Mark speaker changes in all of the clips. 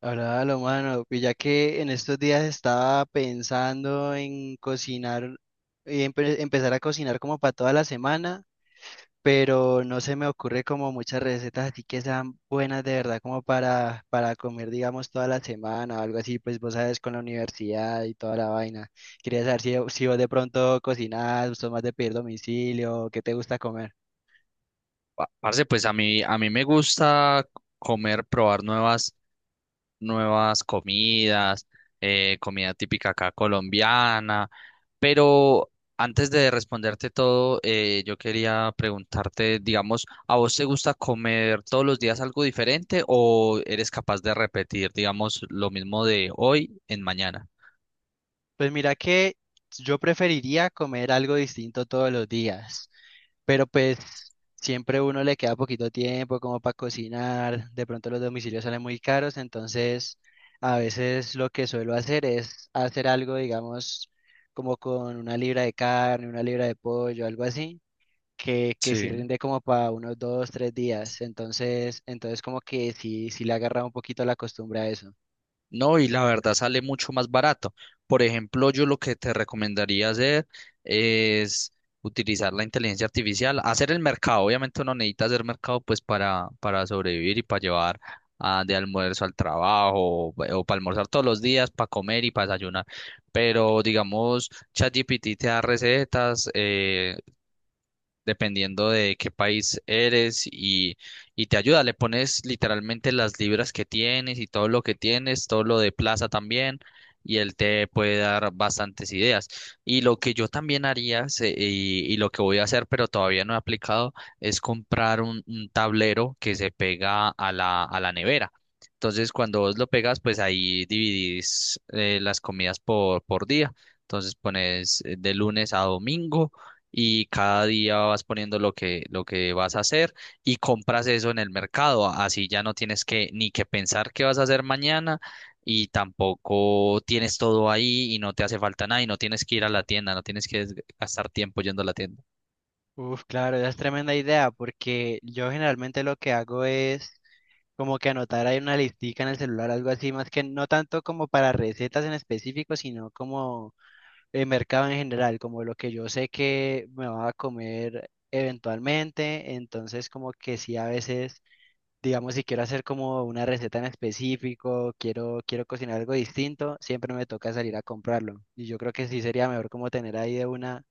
Speaker 1: Ahora, lo mano, pues ya que en estos días estaba pensando en cocinar y empezar a cocinar como para toda la semana, pero no se me ocurre como muchas recetas así que sean buenas de verdad como para comer, digamos, toda la semana o algo así, pues vos sabes, con la universidad y toda la vaina. Quería saber si, si vos de pronto cocinás, sos más de pedir domicilio, qué te gusta comer.
Speaker 2: Parce, pues a mí me gusta comer, probar nuevas comidas, comida típica acá colombiana, pero antes de responderte todo, yo quería preguntarte, digamos, ¿a vos te gusta comer todos los días algo diferente o eres capaz de repetir, digamos, lo mismo de hoy en mañana?
Speaker 1: Pues mira que yo preferiría comer algo distinto todos los días. Pero pues siempre uno le queda poquito tiempo como para cocinar, de pronto los domicilios salen muy caros, entonces a veces lo que suelo hacer es hacer algo, digamos, como con una libra de carne, una libra de pollo, algo así, que sí
Speaker 2: Sí.
Speaker 1: rinde como para unos dos, tres días, entonces, entonces como que sí, sí le agarra un poquito la costumbre a eso.
Speaker 2: No, y la verdad sale mucho más barato. Por ejemplo, yo lo que te recomendaría hacer es utilizar la inteligencia artificial, hacer el mercado. Obviamente uno necesita hacer mercado pues para sobrevivir y para llevar ah, de almuerzo al trabajo o, para almorzar todos los días, para comer y para desayunar. Pero digamos, ChatGPT te da recetas, dependiendo de qué país eres y te ayuda. Le pones literalmente las libras que tienes y todo lo que tienes, todo lo de plaza también, y él te puede dar bastantes ideas. Y lo que yo también haría y lo que voy a hacer, pero todavía no he aplicado, es comprar un tablero que se pega a a la nevera. Entonces, cuando vos lo pegas, pues ahí dividís las comidas por día. Entonces pones de lunes a domingo y cada día vas poniendo lo que vas a hacer y compras eso en el mercado. Así ya no tienes que ni que pensar qué vas a hacer mañana y tampoco tienes todo ahí y no te hace falta nada y no tienes que ir a la tienda, no tienes que gastar tiempo yendo a la tienda.
Speaker 1: Uf, claro, esa es tremenda idea, porque yo generalmente lo que hago es como que anotar ahí una listica en el celular, algo así, más que no tanto como para recetas en específico, sino como el mercado en general, como lo que yo sé que me va a comer eventualmente, entonces como que sí a veces, digamos, si quiero hacer como una receta en específico, quiero, quiero cocinar algo distinto, siempre me toca salir a comprarlo. Y yo creo que sí sería mejor como tener ahí de una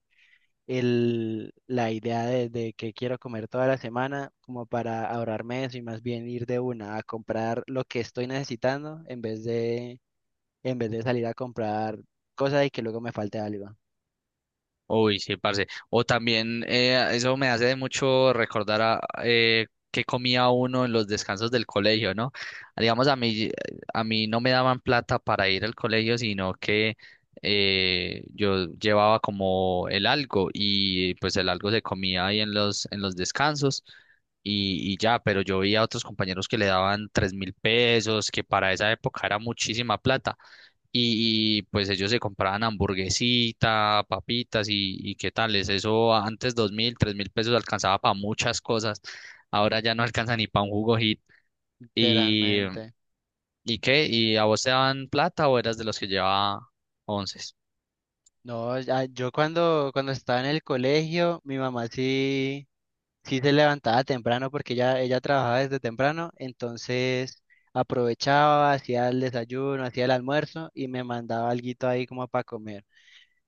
Speaker 1: el, la idea de que quiero comer toda la semana como para ahorrarme eso y más bien ir de una a comprar lo que estoy necesitando en vez de salir a comprar cosas y que luego me falte algo.
Speaker 2: Uy, sí, parce. O también, eso me hace mucho recordar a qué comía uno en los descansos del colegio, ¿no? Digamos, a mí no me daban plata para ir al colegio, sino que yo llevaba como el algo y pues el algo se comía ahí en en los descansos y ya, pero yo veía a otros compañeros que le daban 3000 pesos, que para esa época era muchísima plata y, pues ellos se compraban hamburguesita, papitas y qué tales. Eso antes 2000, 3000 pesos alcanzaba para muchas cosas. Ahora ya no alcanza ni para un jugo hit. ¿Y,
Speaker 1: Literalmente.
Speaker 2: y qué? ¿Y a vos te daban plata o eras de los que llevaba once?
Speaker 1: No, yo cuando, cuando estaba en el colegio, mi mamá sí, sí se levantaba temprano porque ella trabajaba desde temprano, entonces aprovechaba, hacía el desayuno, hacía el almuerzo y me mandaba alguito ahí como para comer.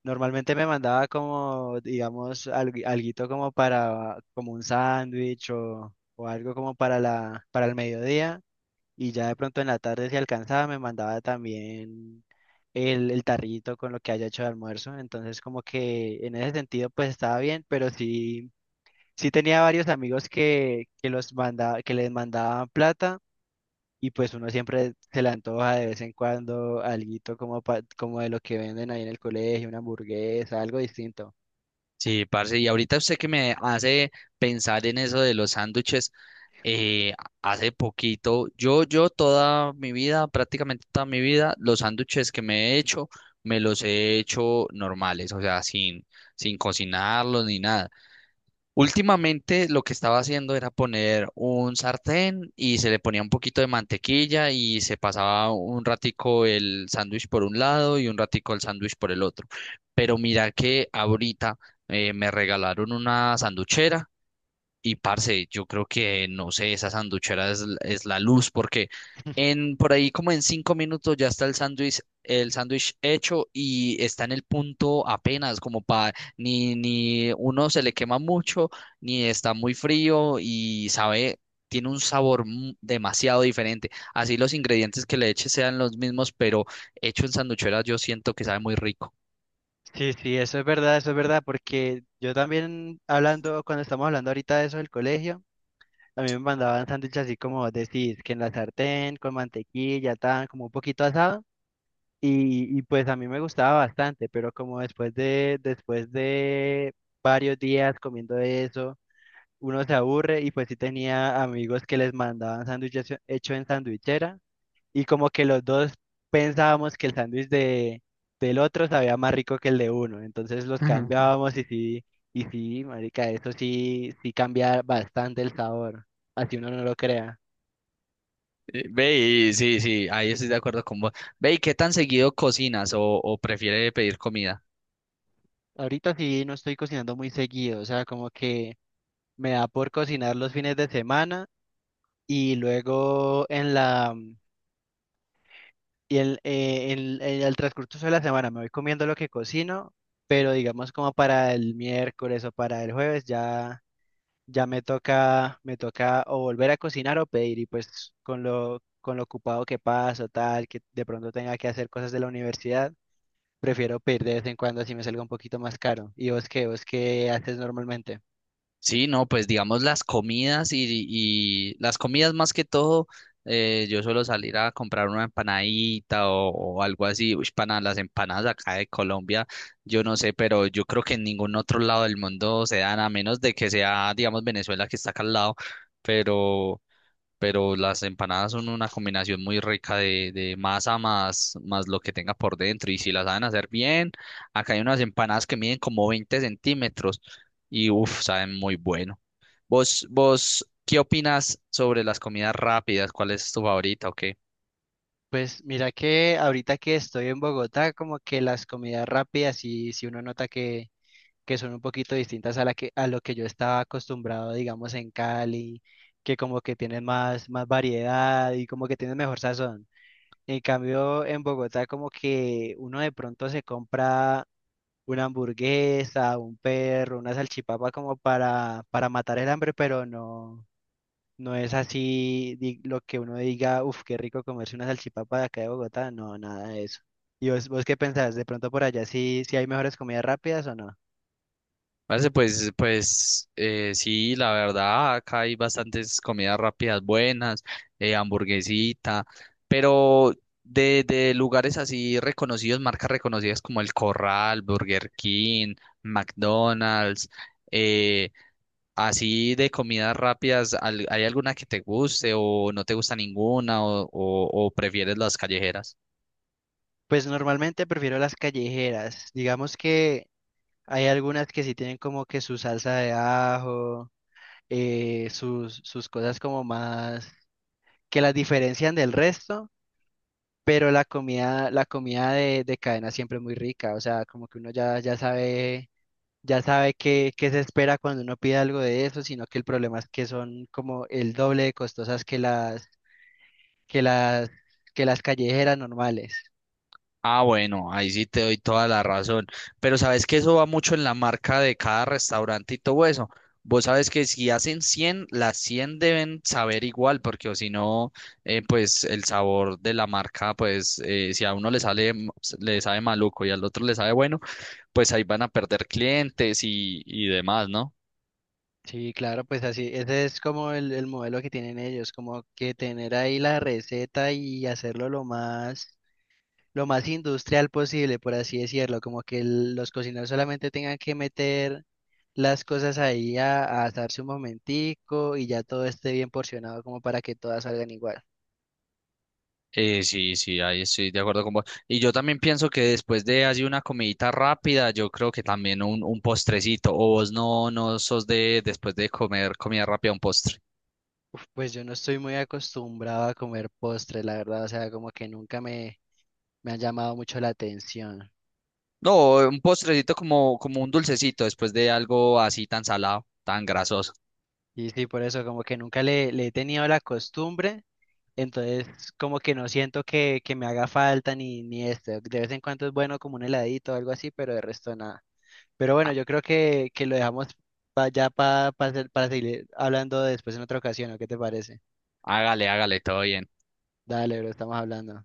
Speaker 1: Normalmente me mandaba como, digamos, algo alguito como para, como un sándwich o algo como para la, para el mediodía. Y ya de pronto en la tarde, si alcanzaba, me mandaba también el tarrito con lo que haya hecho de almuerzo. Entonces, como que en ese sentido, pues estaba bien, pero sí, sí tenía varios amigos que los manda, que les mandaban plata y pues uno siempre se le antoja de vez en cuando alguito como, como de lo que venden ahí en el colegio, una hamburguesa, algo distinto.
Speaker 2: Sí, parce. Y ahorita usted que me hace pensar en eso de los sándwiches. Eh, hace poquito, yo toda mi vida, prácticamente toda mi vida, los sándwiches que me he hecho, me los he hecho normales, o sea, sin cocinarlos ni nada. Últimamente lo que estaba haciendo era poner un sartén y se le ponía un poquito de mantequilla y se pasaba un ratico el sándwich por un lado y un ratico el sándwich por el otro. Pero mira que ahorita me regalaron una sanduchera y parce, yo creo que, no sé, esa sanduchera es, es la luz, porque en por ahí como en 5 minutos ya está el sándwich hecho y está en el punto apenas, como para ni, ni uno se le quema mucho, ni está muy frío y sabe, tiene un sabor demasiado diferente. Así los ingredientes que le eches sean los mismos, pero hecho en sanduchera yo siento que sabe muy rico.
Speaker 1: Sí, sí, eso es verdad, porque yo también hablando, cuando estamos hablando ahorita de eso del colegio, a mí me mandaban sándwiches así como decís, que en la sartén, con mantequilla, tan, como un poquito asado, y pues a mí me gustaba bastante, pero como después de varios días comiendo eso, uno se aburre y pues sí tenía amigos que les mandaban sándwiches hecho en sandwichera y como que los dos pensábamos que el sándwich de, del otro sabía más rico que el de uno, entonces los cambiábamos y sí, marica, eso sí, sí cambia bastante el sabor, así uno no lo crea.
Speaker 2: Ve, y sí, sí, ahí estoy de acuerdo con vos. Ve, ¿y qué tan seguido cocinas o prefiere pedir comida?
Speaker 1: Ahorita sí no estoy cocinando muy seguido, o sea, como que me da por cocinar los fines de semana y luego en la. Y al transcurso de la semana me voy comiendo lo que cocino, pero digamos como para el miércoles o para el jueves ya, ya me toca o volver a cocinar o pedir y pues con lo ocupado que paso, tal, que de pronto tenga que hacer cosas de la universidad, prefiero pedir de vez en cuando así me salga un poquito más caro. ¿Y vos qué? ¿Vos qué haces normalmente?
Speaker 2: Sí, no, pues digamos las comidas y las comidas más que todo, yo suelo salir a comprar una empanadita o algo así. Uy, pana, las empanadas acá de Colombia, yo no sé, pero yo creo que en ningún otro lado del mundo se dan, a menos de que sea, digamos, Venezuela que está acá al lado. Pero pero las empanadas son una combinación muy rica de masa más, más lo que tenga por dentro. Y si las saben hacer bien, acá hay unas empanadas que miden como 20 centímetros y uff, saben muy bueno. ¿Vos, vos qué opinas sobre las comidas rápidas? ¿Cuál es tu favorita o
Speaker 1: Pues mira que ahorita que estoy en Bogotá, como que las comidas rápidas y si uno nota que son un poquito distintas a la que, a lo que yo estaba acostumbrado, digamos, en Cali, que como que tienen más, más variedad y como que tienen mejor sazón. En cambio, en Bogotá como que uno de pronto se compra una hamburguesa, un perro, una salchipapa como para matar el hambre, pero no, no es así lo que uno diga, uff, qué rico comerse una salchipapa de acá de Bogotá, no, nada de eso. ¿Y vos, vos qué pensás? ¿De pronto por allá sí, sí hay mejores comidas rápidas o no?
Speaker 2: Parece, pues sí, la verdad, acá hay bastantes comidas rápidas buenas, hamburguesita, pero de lugares así reconocidos, marcas reconocidas como El Corral, Burger King, McDonald's, eh, así de comidas rápidas, ¿hay alguna que te guste o no te gusta ninguna o, o prefieres las callejeras?
Speaker 1: Pues normalmente prefiero las callejeras. Digamos que hay algunas que sí tienen como que su salsa de ajo, sus, sus cosas como más que las diferencian del resto, pero la comida de cadena siempre es muy rica. O sea, como que uno ya, ya sabe qué, qué se espera cuando uno pide algo de eso, sino que el problema es que son como el doble de costosas que las, que las, que las callejeras normales.
Speaker 2: Ah, bueno, ahí sí te doy toda la razón. Pero sabes que eso va mucho en la marca de cada restaurante y todo eso. Vos sabes que si hacen 100, las 100 deben saber igual, porque o si no, pues el sabor de la marca, pues si a uno le sale, le sabe maluco y al otro le sabe bueno, pues ahí van a perder clientes y demás, ¿no?
Speaker 1: Sí, claro, pues así, ese es como el modelo que tienen ellos, como que tener ahí la receta y hacerlo lo más industrial posible, por así decirlo, como que los cocineros solamente tengan que meter las cosas ahí a asarse un momentico y ya todo esté bien porcionado como para que todas salgan igual.
Speaker 2: Sí, sí, ahí estoy de acuerdo con vos. Y yo también pienso que después de así una comidita rápida, yo creo que también un postrecito. O vos no, no sos de después de comer comida rápida un postre.
Speaker 1: Uf, pues yo no estoy muy acostumbrado a comer postres, la verdad, o sea, como que nunca me, me han llamado mucho la atención.
Speaker 2: No, un postrecito como, como un dulcecito después de algo así tan salado, tan grasoso.
Speaker 1: Y sí, por eso como que nunca le, le he tenido la costumbre. Entonces, como que no siento que me haga falta ni, ni esto. De vez en cuando es bueno como un heladito o algo así, pero de resto nada. Pero bueno,
Speaker 2: Ah,
Speaker 1: yo creo que lo dejamos para seguir hablando después en otra ocasión, ¿o qué te parece?
Speaker 2: hágale, hágale, todo bien.
Speaker 1: Dale, bro, estamos hablando.